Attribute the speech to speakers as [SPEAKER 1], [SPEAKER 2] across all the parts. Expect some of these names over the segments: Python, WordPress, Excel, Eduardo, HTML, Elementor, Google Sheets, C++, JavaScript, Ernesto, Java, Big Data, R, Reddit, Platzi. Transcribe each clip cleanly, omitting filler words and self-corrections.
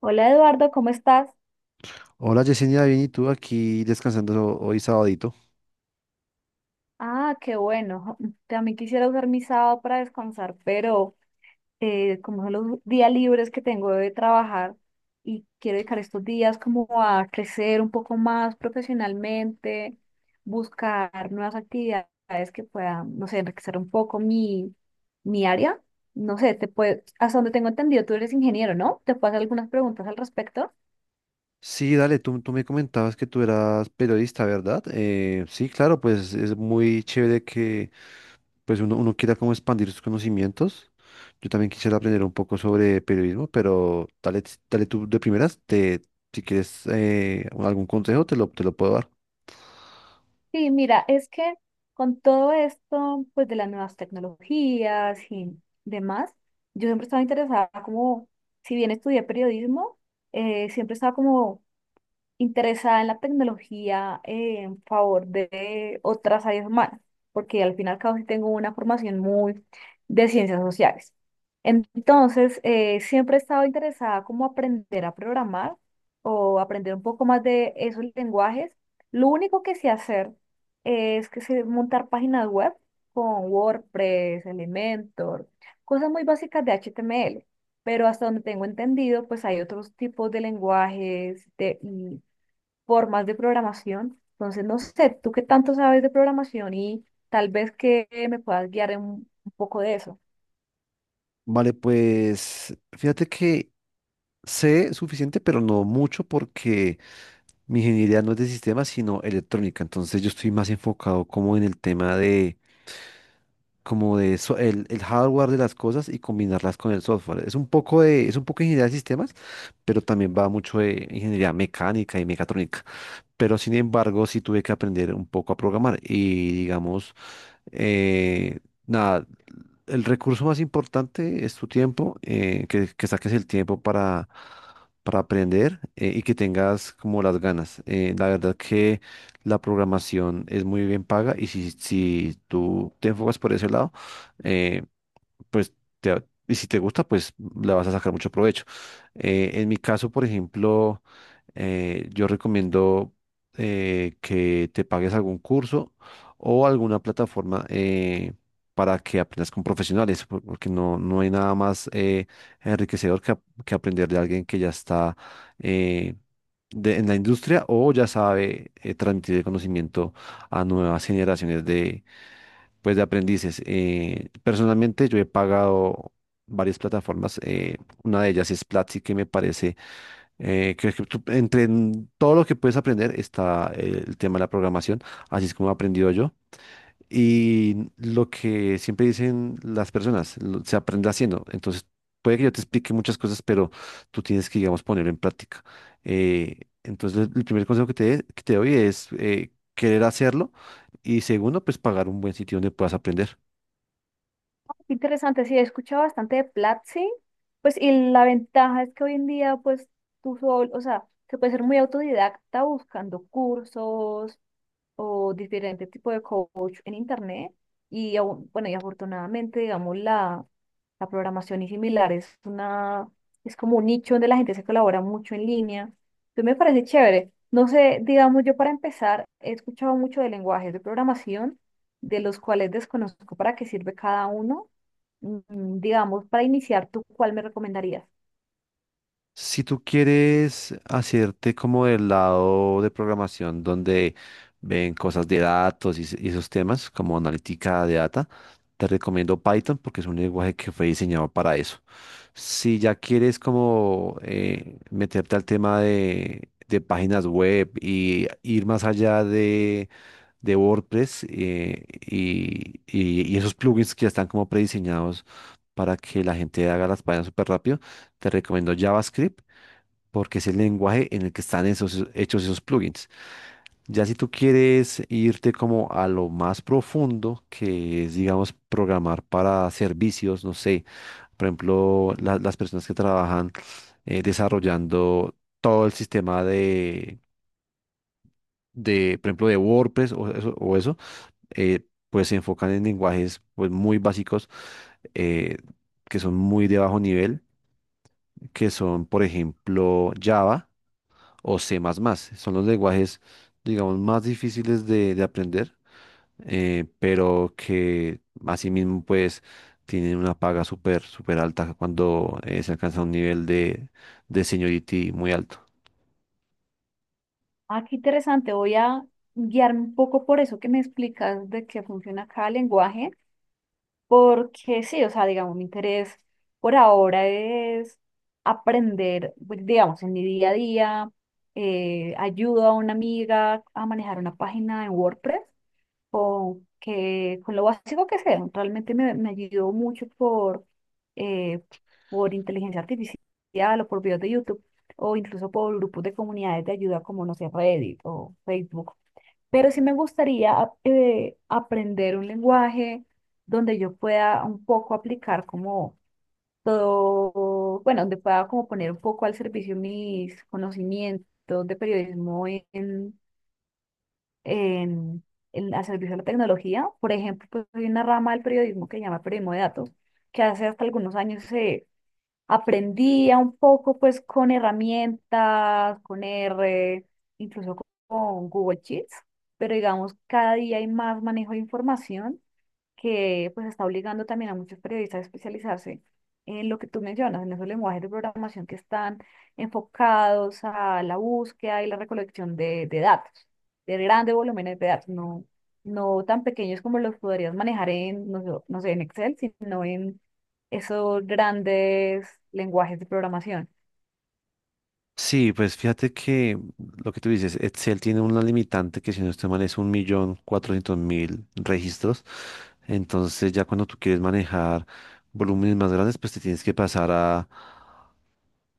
[SPEAKER 1] Hola Eduardo, ¿cómo estás?
[SPEAKER 2] Hola Yesenia, bien, ¿y tú aquí descansando hoy sabadito?
[SPEAKER 1] Ah, qué bueno. También quisiera usar mi sábado para descansar, pero como son los días libres que tengo de trabajar y quiero dedicar estos días como a crecer un poco más profesionalmente, buscar nuevas actividades que puedan, no sé, enriquecer un poco mi área. No sé, te puede, hasta donde tengo entendido, tú eres ingeniero, ¿no? ¿Te puedo hacer algunas preguntas al respecto?
[SPEAKER 2] Sí, dale, tú me comentabas que tú eras periodista, ¿verdad? Sí, claro, pues es muy chévere que pues uno quiera como expandir sus conocimientos. Yo también quisiera aprender un poco sobre periodismo, pero dale, dale tú de primeras, si quieres algún consejo, te lo puedo dar.
[SPEAKER 1] Sí, mira, es que con todo esto, pues de las nuevas tecnologías y demás, yo siempre estaba interesada como, si bien estudié periodismo, siempre estaba como interesada en la tecnología en favor de otras áreas humanas, porque al final y al cabo sí tengo una formación muy de ciencias sociales. Entonces, siempre he estado interesada como aprender a programar o aprender un poco más de esos lenguajes. Lo único que sé hacer es que sé montar páginas web con WordPress, Elementor, cosas muy básicas de HTML. Pero hasta donde tengo entendido, pues hay otros tipos de lenguajes de, formas de programación. Entonces, no sé, tú qué tanto sabes de programación y tal vez que me puedas guiar en un poco de eso.
[SPEAKER 2] Vale, pues fíjate que sé suficiente, pero no mucho porque. Mi ingeniería no es de sistemas, sino electrónica. Entonces yo estoy más enfocado como en el tema de, como de el hardware de las cosas y combinarlas con el software. Es un poco de ingeniería de sistemas, pero también va mucho de ingeniería mecánica y mecatrónica. Pero sin embargo, sí tuve que aprender un poco a programar. Y digamos, eh, nada, el recurso más importante es tu tiempo, que saques el tiempo para aprender y que tengas como las ganas. La verdad que la programación es muy bien paga y si tú te enfocas por ese lado, eh, pues, y si te gusta, pues le vas a sacar mucho provecho. En mi caso, por ejemplo, yo recomiendo que te pagues algún curso o alguna plataforma para que aprendas con profesionales, porque no hay nada más enriquecedor que aprender de alguien que ya está eh, en la industria o ya sabe transmitir el conocimiento a nuevas generaciones pues de aprendices. Personalmente yo he pagado varias plataformas. Una de ellas es Platzi, que me parece entre en todo lo que puedes aprender está el tema de la programación, así es como he aprendido yo. Y lo que siempre dicen las personas, se aprende haciendo. Entonces, puede que yo te explique muchas cosas, pero tú tienes que, digamos, ponerlo en práctica. Entonces, el primer consejo que te doy es querer hacerlo y segundo, pues pagar un buen sitio donde puedas aprender.
[SPEAKER 1] Qué interesante. Sí, he escuchado bastante de Platzi, pues y la ventaja es que hoy en día, pues tú solo, o sea, se puede ser muy autodidacta buscando cursos, o diferente tipo de coach en internet. Y aún- bueno, y afortunadamente, digamos, la programación y similar es una, es como un nicho donde la gente se colabora mucho en línea. Entonces me parece chévere. No sé, digamos, yo para empezar he escuchado mucho de lenguajes de programación, de los cuales desconozco para qué sirve cada uno. Digamos, para iniciar, ¿tú cuál me recomendarías?
[SPEAKER 2] Si tú quieres hacerte como del lado de programación donde ven cosas de datos y esos temas como analítica de data, te recomiendo Python porque es un lenguaje que fue diseñado para eso. Si ya quieres como meterte al tema de páginas web y ir más allá de WordPress y esos plugins que ya están como prediseñados para que la gente haga las páginas súper rápido, te recomiendo JavaScript porque es el lenguaje en el que están esos, hechos esos plugins. Ya si tú quieres irte como a lo más profundo, que es, digamos, programar para servicios, no sé, por ejemplo, las personas que trabajan desarrollando todo el sistema de, por ejemplo, de WordPress o eso, pues se enfocan en lenguajes pues, muy básicos eh, que son muy de bajo nivel, que son, por ejemplo, Java o C++. Son los lenguajes, digamos, más difíciles de aprender, pero que asimismo, pues, tienen una paga súper, súper alta cuando se alcanza un nivel de seniority muy alto.
[SPEAKER 1] Ah, qué interesante. Voy a guiarme un poco por eso que me explicas de qué funciona cada lenguaje. Porque sí, o sea, digamos, mi interés por ahora es aprender, pues, digamos, en mi día a día, ayudo a una amiga a manejar una página en WordPress, con, que, con lo básico que sea. Realmente me ayudó mucho eh, por inteligencia artificial o por videos de YouTube o incluso por grupos de comunidades de ayuda como, no sé, Reddit o Facebook, pero sí me gustaría aprender un lenguaje donde yo pueda un poco aplicar como todo, bueno, donde pueda como poner un poco al servicio mis conocimientos de periodismo en, al servicio de la tecnología. Por ejemplo, pues hay una rama del periodismo que se llama periodismo de datos, que hace hasta algunos años aprendía un poco pues con herramientas, con R, incluso con Google Sheets, pero digamos cada día hay más manejo de información que pues está obligando también a muchos periodistas a especializarse en lo que tú mencionas, en esos lenguajes de programación que están enfocados a la búsqueda y la recolección de datos, de grandes volúmenes de datos, no, no tan pequeños como los podrías manejar en, no sé, en Excel, sino en esos grandes lenguajes de programación.
[SPEAKER 2] Sí, pues fíjate que lo que tú dices, Excel tiene una limitante que si no estoy mal es 1.400.000 registros. Entonces ya cuando tú quieres manejar volúmenes más grandes, pues te tienes que pasar a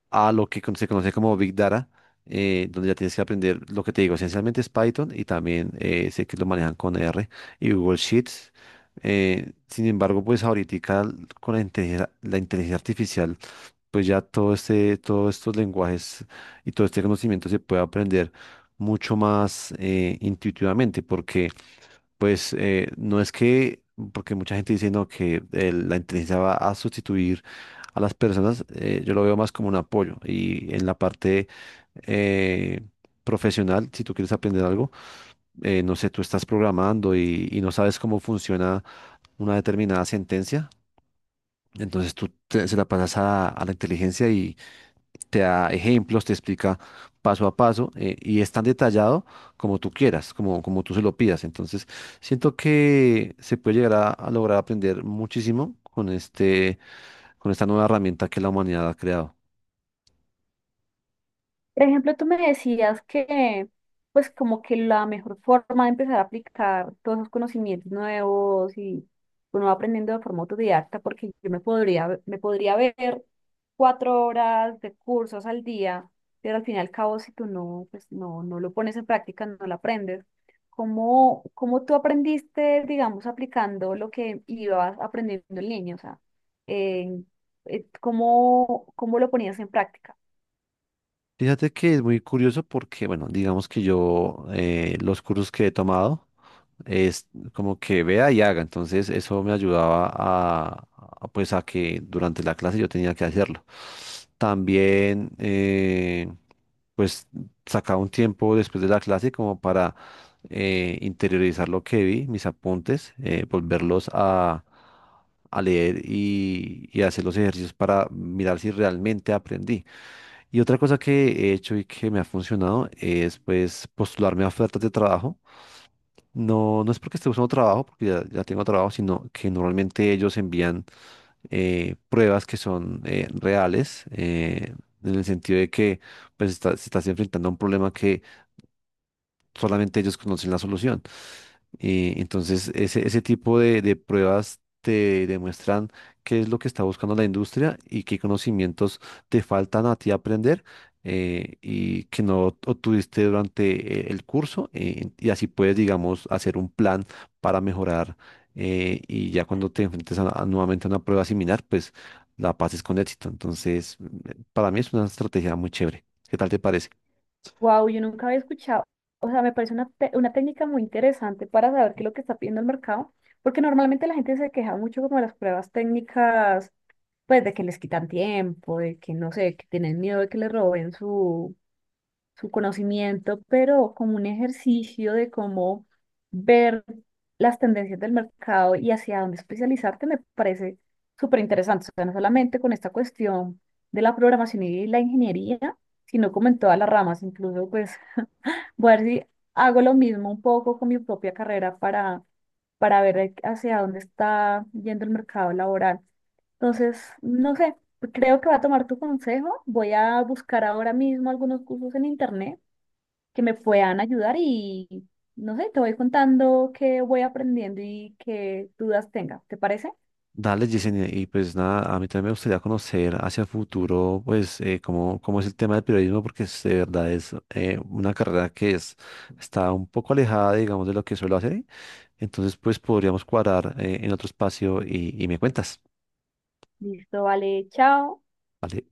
[SPEAKER 2] lo que se conoce como Big Data, donde ya tienes que aprender lo que te digo, esencialmente es Python y también sé que lo manejan con R y Google Sheets. Sin embargo, pues ahorita con la inteligencia artificial, pues ya todo este, todos estos lenguajes y todo este conocimiento se puede aprender mucho más intuitivamente, porque pues no es que, porque mucha gente dice no, que la inteligencia va a sustituir a las personas, yo lo veo más como un apoyo. Y en la parte eh, profesional, si tú quieres aprender algo, no sé, tú estás programando y no sabes cómo funciona una determinada sentencia, entonces tú se la pasas a la inteligencia y te da ejemplos, te explica paso a paso y es tan detallado como tú quieras, como tú se lo pidas. Entonces siento que se puede llegar a lograr aprender muchísimo con este, con esta nueva herramienta que la humanidad ha creado.
[SPEAKER 1] Por ejemplo, tú me decías que, pues, como que la mejor forma de empezar a aplicar todos esos conocimientos nuevos y uno va aprendiendo de forma autodidacta, porque yo me podría ver 4 horas de cursos al día, pero al fin y al cabo, si tú no, pues, no lo pones en práctica, no lo aprendes. ¿Cómo tú aprendiste, digamos, aplicando lo que ibas aprendiendo en línea? O sea, eh, cómo lo ponías en práctica?
[SPEAKER 2] Fíjate que es muy curioso porque, bueno, digamos que yo los cursos que he tomado es como que vea y haga. Entonces eso me ayudaba a, pues a que durante la clase yo tenía que hacerlo. También pues sacaba un tiempo después de la clase como para interiorizar lo que vi, mis apuntes, volverlos a leer y hacer los ejercicios para mirar si realmente aprendí. Y otra cosa que he hecho y que me ha funcionado es pues postularme a ofertas de trabajo no, no es porque esté buscando trabajo, porque ya tengo trabajo, sino que normalmente ellos envían pruebas que son reales, en el sentido de que pues, se estás enfrentando a un problema solamente ellos conocen la solución. Entonces, ese tipo de pruebas te demuestran qué es lo que está buscando la industria y qué conocimientos te faltan a ti aprender y que no obtuviste durante el curso y así puedes, digamos, hacer un plan para mejorar y ya cuando te enfrentes a nuevamente a una prueba similar, pues la pases con éxito. Entonces, para mí es una estrategia muy chévere. ¿Qué tal te parece?
[SPEAKER 1] Wow, yo nunca había escuchado, o sea, me parece una, una técnica muy interesante para saber qué es lo que está pidiendo el mercado, porque normalmente la gente se queja mucho como de las pruebas técnicas, pues de que les quitan tiempo, de que no sé, que tienen miedo de que les roben su conocimiento, pero como un ejercicio de cómo ver las tendencias del mercado y hacia dónde especializarte me parece súper interesante, o sea, no solamente con esta cuestión de la programación y la ingeniería, sino como en todas las ramas, incluso pues voy a ver si hago lo mismo un poco con mi propia carrera para ver hacia dónde está yendo el mercado laboral. Entonces, no sé, creo que voy a tomar tu consejo. Voy a buscar ahora mismo algunos cursos en internet que me puedan ayudar y, no sé, te voy contando qué voy aprendiendo y qué dudas tenga. ¿Te parece?
[SPEAKER 2] Dale, Yesenia, y pues nada, a mí también me gustaría conocer hacia futuro, pues, cómo es el tema del periodismo, porque de verdad es una carrera que es, está un poco alejada, digamos, de lo que suelo hacer. Entonces, pues, podríamos cuadrar en otro espacio y me cuentas,
[SPEAKER 1] Listo, vale, chao.
[SPEAKER 2] ¿vale?